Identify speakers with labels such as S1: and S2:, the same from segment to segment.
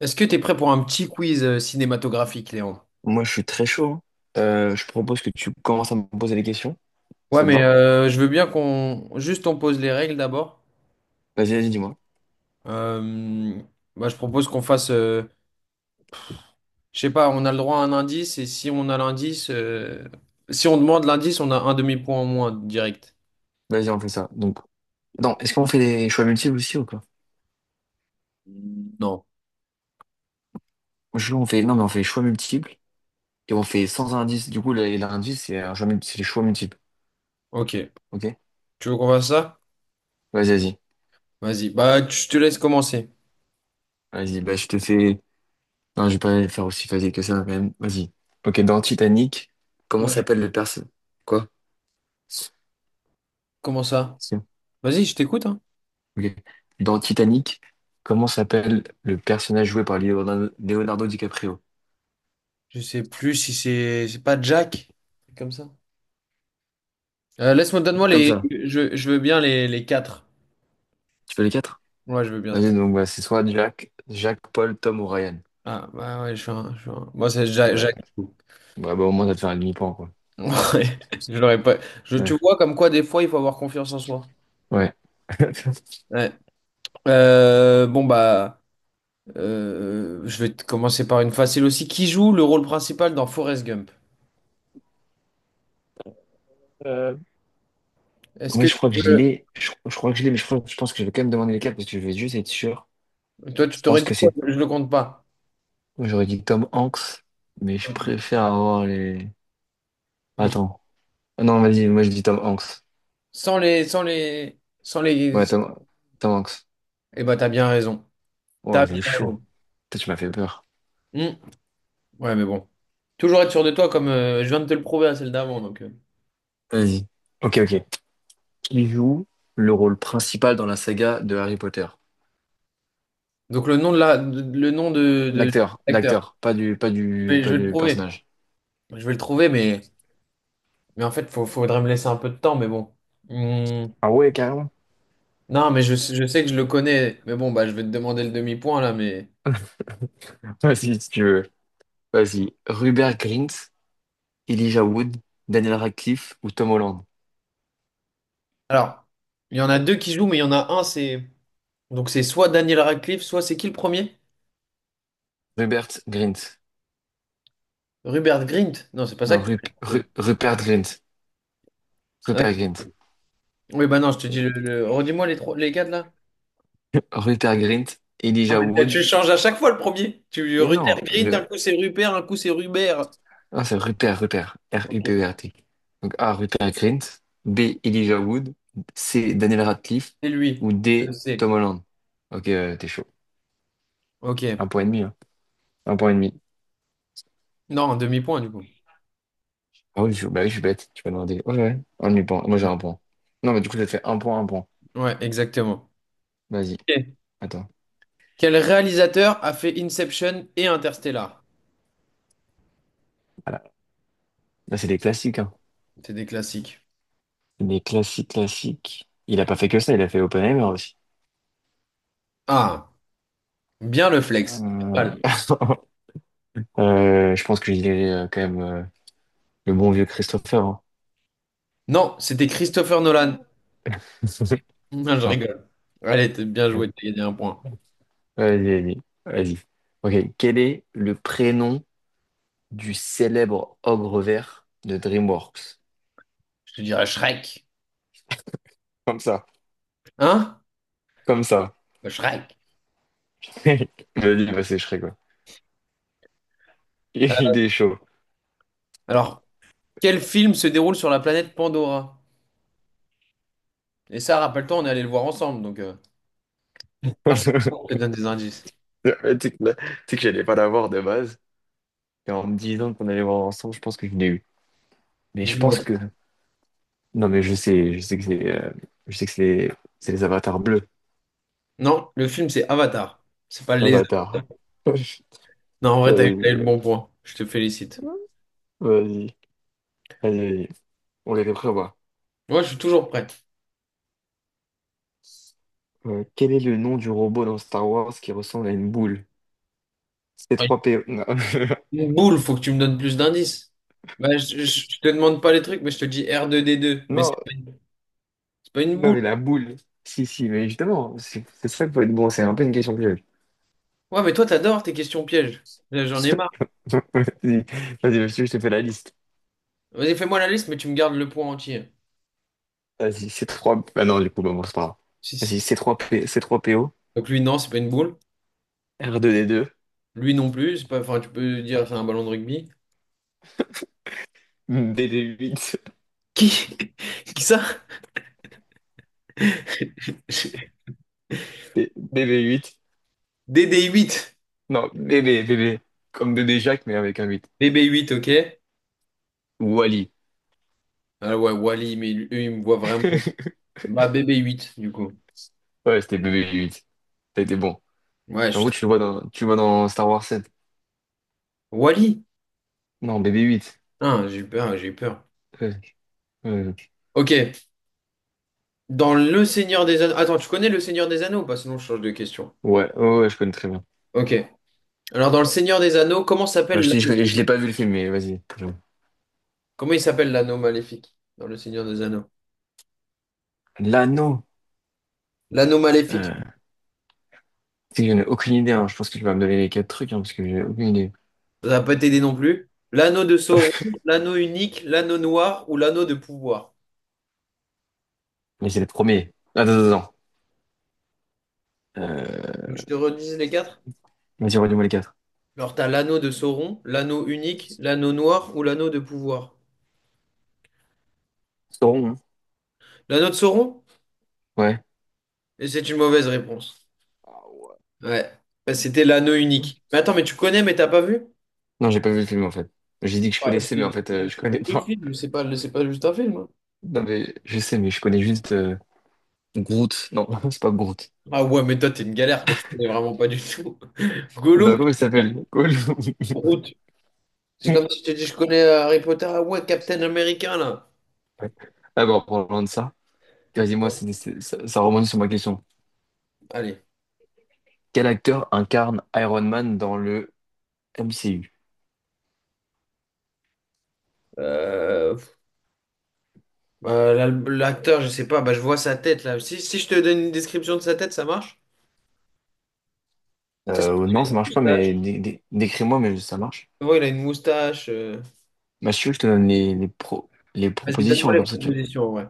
S1: Est-ce que t'es prêt pour un petit quiz cinématographique, Léandre?
S2: Moi, je suis très chaud. Hein. Je propose que tu commences à me poser des questions. si
S1: Ouais,
S2: Ça te
S1: mais
S2: va?
S1: je veux bien qu'on juste on pose les règles d'abord.
S2: Vas-y, vas-y, dis-moi.
S1: Euh, Bah, je propose qu'on fasse, je sais pas, on a le droit à un indice et si on demande l'indice, on a un demi-point en moins direct.
S2: Vas-y, on fait ça. Donc, non, est-ce qu'on fait des choix multiples aussi ou quoi?
S1: Non.
S2: Je veux qu'on fait, non, mais on fait choix multiples et on fait sans indice. Du coup, l'indice, c'est les choix multiples.
S1: Ok.
S2: Ok?
S1: Tu veux qu'on fasse ça?
S2: Vas-y, vas-y.
S1: Vas-y. Bah, je te laisse commencer.
S2: Vas-y, bah, je te fais. Non, je vais pas faire aussi facile que ça, quand même. Vas-y. Ok, dans Titanic, comment
S1: Ouais.
S2: s'appelle le personnage? Quoi?
S1: Comment ça?
S2: Si.
S1: Vas-y, je t'écoute, hein.
S2: Ok. Dans Titanic, comment s'appelle le personnage joué par Leonardo DiCaprio?
S1: Je sais plus si c'est pas Jack, un truc comme ça. Laisse-moi,
S2: Comme ça.
S1: je veux bien les quatre.
S2: Tu fais les quatre?
S1: Ouais, je veux bien.
S2: Vas-y, donc bah, c'est soit Jack, Paul, Tom ou Ryan.
S1: Ah, bah ouais, Moi, c'est Jacques.
S2: Ouais.
S1: Jacques.
S2: Bah, au moins, ça te fait un demi-point, quoi.
S1: Ouais, je l'aurais pas. Tu
S2: Ouais.
S1: vois, comme quoi, des fois, il faut avoir confiance en soi.
S2: Ouais.
S1: Ouais. Bon, bah, je vais te commencer par une facile aussi. Qui joue le rôle principal dans Forrest Gump?
S2: Euh,
S1: Est-ce
S2: en
S1: que
S2: je
S1: tu
S2: crois que je
S1: peux...
S2: l'ai. Je crois que je l'ai, mais je pense que je vais quand même demander les quatre parce que je vais juste être sûr.
S1: Toi, tu
S2: Je
S1: t'aurais
S2: pense
S1: dit
S2: que
S1: quoi?
S2: c'est.
S1: Je le compte pas.
S2: J'aurais dit Tom Hanks, mais je
S1: Ok.
S2: préfère avoir les.
S1: Ok.
S2: Attends. Ah non, vas-y, moi je dis Tom Hanks.
S1: Sans les, sans les, sans les.
S2: Ouais, Tom Hanks.
S1: Eh bah, t'as bien raison.
S2: Ouais,
S1: T'as
S2: j'ai eu
S1: bien
S2: chaud.
S1: raison.
S2: Putain, tu m'as fait peur.
S1: Hmm. Ouais, mais bon. Toujours être sûr de toi, comme je viens de te le prouver à celle d'avant, donc.
S2: Vas-y. Ok, ok. Qui joue le rôle principal dans la saga de Harry Potter?
S1: Donc le nom de la, de- le nom de
S2: L'acteur,
S1: l'acteur.
S2: l'acteur, pas du, pas
S1: Je
S2: du,
S1: vais, je
S2: pas
S1: vais le
S2: du
S1: trouver.
S2: personnage.
S1: Je vais le trouver, mais en fait, faudrait me laisser un peu de temps, mais bon. Hum,
S2: Ah ouais, carrément.
S1: non, mais je sais que je le connais. Mais bon, bah, je vais te demander le demi-point là, mais.
S2: Vas-y, si tu veux. Vas-y. Rupert Grint, Elijah Wood, Daniel Radcliffe ou Tom Holland.
S1: Alors, il y en a deux qui jouent, mais il y en a un, c'est. Donc c'est soit Daniel Radcliffe, soit c'est qui le premier?
S2: Rupert Grint.
S1: Rupert Grint. Non, c'est pas ça
S2: Non,
S1: que. Ouais.
S2: Rupert Grint. Rupert Grint.
S1: Oui, bah non, je te dis Redis-moi les trois, les quatre là.
S2: Rupert Grint,
S1: Ah,
S2: Elijah
S1: mais
S2: Wood.
S1: tu changes à chaque fois le premier. Tu
S2: Mais
S1: Rupert
S2: non,
S1: Grint, un
S2: le...
S1: coup c'est Rupert, un coup c'est Rubert.
S2: Ah c'est Rupert, Rupert.
S1: Ok.
S2: R-U-P-E-R-T. Donc A, Rupert Grint. B, Elijah Wood. C, Daniel Radcliffe.
S1: C'est lui,
S2: Ou
S1: je le
S2: D,
S1: sais.
S2: Tom Holland. Ok, t'es chaud.
S1: Ok.
S2: Un point et demi, hein. Un point et demi.
S1: Non, un demi-point du coup.
S2: Ah oui, bah oui, je suis bête, tu peux demander. Ouais, ouais, un demi-point. Moi, j'ai un point. Non, mais du coup, ça te fait un point, un point.
S1: Ouais, exactement.
S2: Vas-y,
S1: Ok.
S2: attends.
S1: Quel réalisateur a fait Inception et Interstellar?
S2: Voilà. Là, c'est des classiques, hein.
S1: C'est des classiques.
S2: Des classiques, classiques. Il a pas fait que ça, il a fait Oppenheimer aussi.
S1: Ah, bien le flex.
S2: Euh,
S1: Pas mal.
S2: je pense que je dirais quand même le bon vieux Christopher. Hein.
S1: Non, c'était Christopher Nolan. Non, je
S2: Non.
S1: rigole. Allez, t'es bien joué, t'as gagné un point.
S2: Vas-y, vas-y, vas-y. Ok, quel est le prénom du célèbre ogre vert de DreamWorks?
S1: Je te dirais Shrek.
S2: Comme ça,
S1: Hein?
S2: comme ça.
S1: Le Shrek.
S2: Vas-y, bah, c'est Shrek, quoi.
S1: Euh,
S2: Il est chaud.
S1: Alors, quel film se déroule sur la planète Pandora? Et ça, rappelle-toi, on est allé le voir ensemble, donc... ah, je te donne des indices.
S2: Ouais, tu sais que, tu sais que j'allais pas l'avoir de base. Et en me disant qu'on allait voir ensemble, je pense que je l'ai eu. Mais je pense
S1: Dis-moi.
S2: que. Non, mais je sais que c'est je sais que c'est les avatars bleus.
S1: Non, le film, c'est Avatar. C'est pas les...
S2: Avatar.
S1: Non, en vrai, t'as eu, t'as
S2: Vas-y,
S1: eu le bon point. Je te félicite.
S2: vas-y, allez, allez. On les revoit.
S1: Moi, je suis toujours prêt.
S2: Quel est le nom du robot dans Star Wars qui ressemble à une boule?
S1: Ouais,
S2: C3PO. Non.
S1: une boule, faut que tu me donnes plus d'indices. Bah, je te demande pas les trucs, mais je te dis R2D2. Mais
S2: Non,
S1: c'est pas une
S2: non,
S1: boule.
S2: mais la boule. Si, si, mais justement, c'est ça qu'il faut être bon. C'est un peu une question piège.
S1: Ouais, mais toi, t'adores tes questions pièges. Là, j'en ai marre.
S2: Vas-y, vas-y, monsieur, je te fais la liste.
S1: Vas-y, fais-moi la liste, mais tu me gardes le point entier.
S2: Vas-y, c'est trois. Ah non, du coup, bah bon, c'est pas grave.
S1: Si, si.
S2: Vas-y, c'est trois P... C3PO,
S1: Donc lui, non, c'est pas une boule.
S2: r deux d deux
S1: Lui non plus, c'est pas, enfin, tu peux dire c'est un ballon de rugby.
S2: b bb huit
S1: Qui? Qui ça?
S2: B huit.
S1: DD8.
S2: Non, b b b b comme bébé Jacques, mais avec un huit.
S1: BB8, ok.
S2: Wally.
S1: Ah ouais, Wally, mais lui, eux, ils me voient vraiment. Bah, BB8, du coup.
S2: Ouais, c'était b b huit. Ça a été bon.
S1: Ouais, je
S2: En
S1: suis
S2: gros,
S1: très...
S2: tu le vois dans Star Wars 7.
S1: Wally?
S2: Non, b 8.
S1: Ah, j'ai eu peur, ah, j'ai eu peur.
S2: Ouais, ouais, ouais,
S1: Ok, dans Le Seigneur des Anneaux. Attends, tu connais Le Seigneur des Anneaux ou pas? Sinon, je change de question.
S2: ouais, ouais, ouais, je connais très bien.
S1: Ok. Alors, dans Le Seigneur des Anneaux, comment
S2: Bah,
S1: s'appelle
S2: je t'ai dis,
S1: l'anneau?
S2: je l'ai pas vu le film, mais vas-y.
S1: Comment il s'appelle l'anneau maléfique? Dans Le Seigneur des Anneaux.
S2: L'anneau.
S1: L'anneau maléfique,
S2: Euh, tu sais que j'en ai aucune idée, hein. Je pense que tu vas me donner les quatre trucs, hein, parce que j'ai aucune idée.
S1: ça va pas t'aider non plus. L'anneau de Sauron, l'anneau unique, l'anneau noir ou l'anneau de pouvoir.
S2: Mais c'est le premier. Attends, attends, attends. Euh,
S1: Donc, je te redis les quatre.
S2: Vas-y, redis-moi les quatre.
S1: Alors, t'as l'anneau de Sauron, l'anneau unique, l'anneau noir ou l'anneau de pouvoir.
S2: Sauron, hein.
S1: L'anneau de Sauron?
S2: Ouais.
S1: Et c'est une mauvaise réponse.
S2: Ah ouais.
S1: Ouais. Bah, c'était l'anneau unique. Mais attends, mais tu connais, mais t'as pas vu?
S2: Non, j'ai pas vu le film en fait. J'ai dit que je
S1: Ah,
S2: connaissais, mais en fait, je connais
S1: le
S2: pas.
S1: film, c'est pas juste un film, hein.
S2: Non, mais je sais, mais je connais juste Groot. Non, c'est pas Groot.
S1: Ah ouais, mais toi, t'es une galère que tu connais vraiment pas du tout. Gollum,
S2: Non, comment il s'appelle? Cool.
S1: Groot. C'est
S2: Ouais.
S1: comme si tu dis, je connais Harry Potter. Ah ouais, Captain America, là.
S2: Ah bon, en parlant de ça, dis-moi,
S1: Ouais.
S2: ça remonte sur ma question.
S1: Allez.
S2: Quel acteur incarne Iron Man dans le MCU?
S1: Euh, pff, l'acteur, je sais pas, bah, je vois sa tête, là. Si je te donne une description de sa tête, ça marche? C'est sûr
S2: Non,
S1: qu'il a
S2: ça
S1: une
S2: marche pas,
S1: moustache.
S2: mais décris-moi, mais ça marche.
S1: Ouais, il a une moustache.
S2: Mathieu, je te donne les
S1: Vas-y, donne-moi
S2: propositions, et
S1: les
S2: comme ça, tu vas-
S1: propositions, ouais.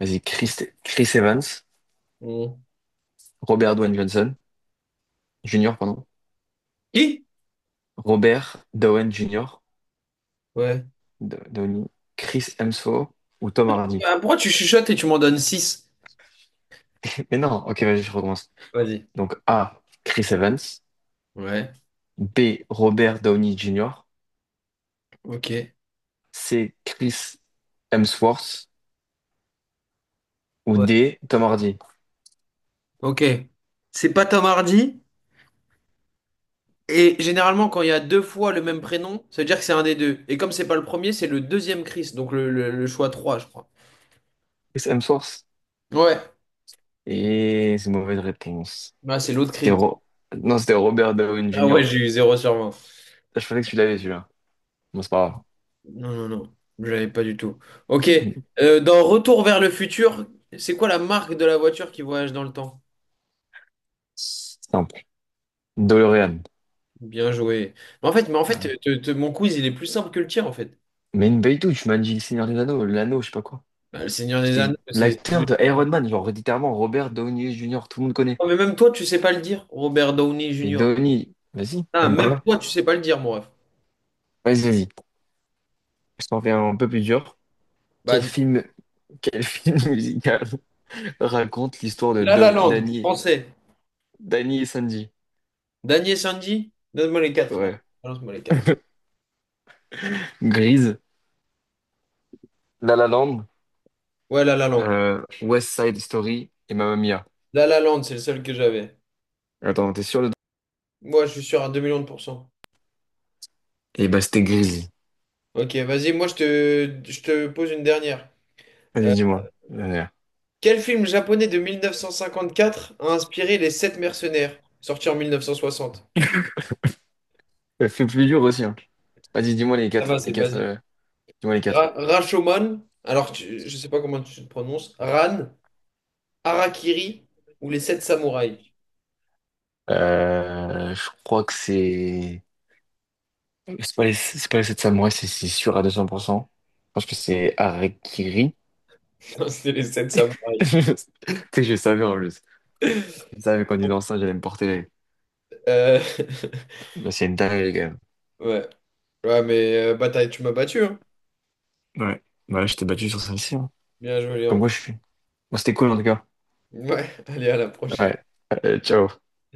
S2: Vas-y, Chris Evans,
S1: Mm.
S2: Robert Downey Johnson, Junior, pardon.
S1: Qui?
S2: Robert Downey Junior,
S1: Ouais.
S2: Downey, Chris Hemsworth ou Tom Hardy.
S1: Ah, pourquoi tu chuchotes et tu m'en donnes six?
S2: Mais non, ok, vas-y, je recommence.
S1: Vas-y.
S2: Donc A, Chris Evans.
S1: Ouais.
S2: B, Robert Downey Junior.
S1: Ok.
S2: C, Chris Hemsworth. Ou
S1: Ouais.
S2: D, Tom Hardy.
S1: Ok. C'est pas Tom Hardy. Et généralement, quand il y a deux fois le même prénom, ça veut dire que c'est un des deux. Et comme c'est pas le premier, c'est le deuxième Chris. Donc le choix 3, je crois.
S2: Chris Hemsworth.
S1: Ouais.
S2: Et c'est une mauvaise réponse.
S1: Bah, c'est l'autre
S2: C'était
S1: Chris.
S2: Ro- Non, c'était Robert Downey
S1: Ah ouais,
S2: Junior.
S1: j'ai eu zéro sur 20.
S2: Ah, je pensais que tu l'avais, celui-là. Bon, c'est pas
S1: Non, non, non. Je l'avais pas du tout. Ok.
S2: grave.
S1: Dans Retour vers le futur, c'est quoi la marque de la voiture qui voyage dans le temps?
S2: Simple. DeLorean.
S1: Bien joué. Mais en
S2: Voilà.
S1: fait mon quiz, il est plus simple que le tien, en fait.
S2: Mais une belle touche, tu m'as dit le Seigneur des Anneaux, l'anneau, je sais pas quoi.
S1: Bah, le Seigneur des
S2: C'était
S1: Anneaux, c'est...
S2: l'acteur de Iron Man, genre littéralement Robert Downey Jr., tout le monde connaît.
S1: Oh, mais même toi, tu sais pas le dire, Robert Downey
S2: Mais
S1: Jr.
S2: Downey, vas-y,
S1: Ah, même
S2: voilà.
S1: toi, tu sais pas le dire, mon ref.
S2: Vas-y, vas-y. Je t'en fais un peu plus dur. Quel
S1: Bah,
S2: film, quel film musical raconte l'histoire de
S1: La La Land,
S2: Danny,
S1: français.
S2: Danny et Sanji?
S1: Daniel Sanji. Donne-moi les quatre, là.
S2: Ouais.
S1: Balance-moi les quatre.
S2: Grise, La La Land,
S1: Ouais, La La Land.
S2: West Side Story et Mamma Mia.
S1: La La Land, c'est le seul que j'avais.
S2: Attends, t'es sûr de...
S1: Moi, je suis sûr à 2 millions de pourcents.
S2: Et bah c'était Grise.
S1: Ok, vas-y, moi, je te pose une dernière.
S2: Vas-y,
S1: Euh,
S2: dis-moi. Euh,
S1: Quel film japonais de 1954 a inspiré Les Sept Mercenaires, sorti en 1960?
S2: fait plus dur aussi, hein. Vas-y, dis-moi
S1: Ça va, c'est
S2: les quatre,
S1: basique.
S2: dis-moi les quatre.
S1: Rashomon, alors je sais pas comment tu te prononces. Ran, Harakiri ou Les Sept Samouraïs?
S2: Je crois que c'est... C'est pas les 7 samouraïs, c'est sûr à 200%. Je pense que c'est Harakiri.
S1: Non, c'est Les Sept Samouraïs.
S2: Tu sais, je savais en plus. Je savais qu'en disant ça, j'allais me porter.
S1: Euh,
S2: Mais c'est une dinguerie, quand même.
S1: ouais. Ouais, mais bataille, tu m'as battu, hein.
S2: Ouais. Voilà, je t'ai battu sur celle-ci. Hein.
S1: Bien joué,
S2: Comme quoi,
S1: Léon.
S2: je suis. Bon, c'était cool, en tout cas.
S1: Ouais, allez, à la prochaine.
S2: Ouais. Ciao.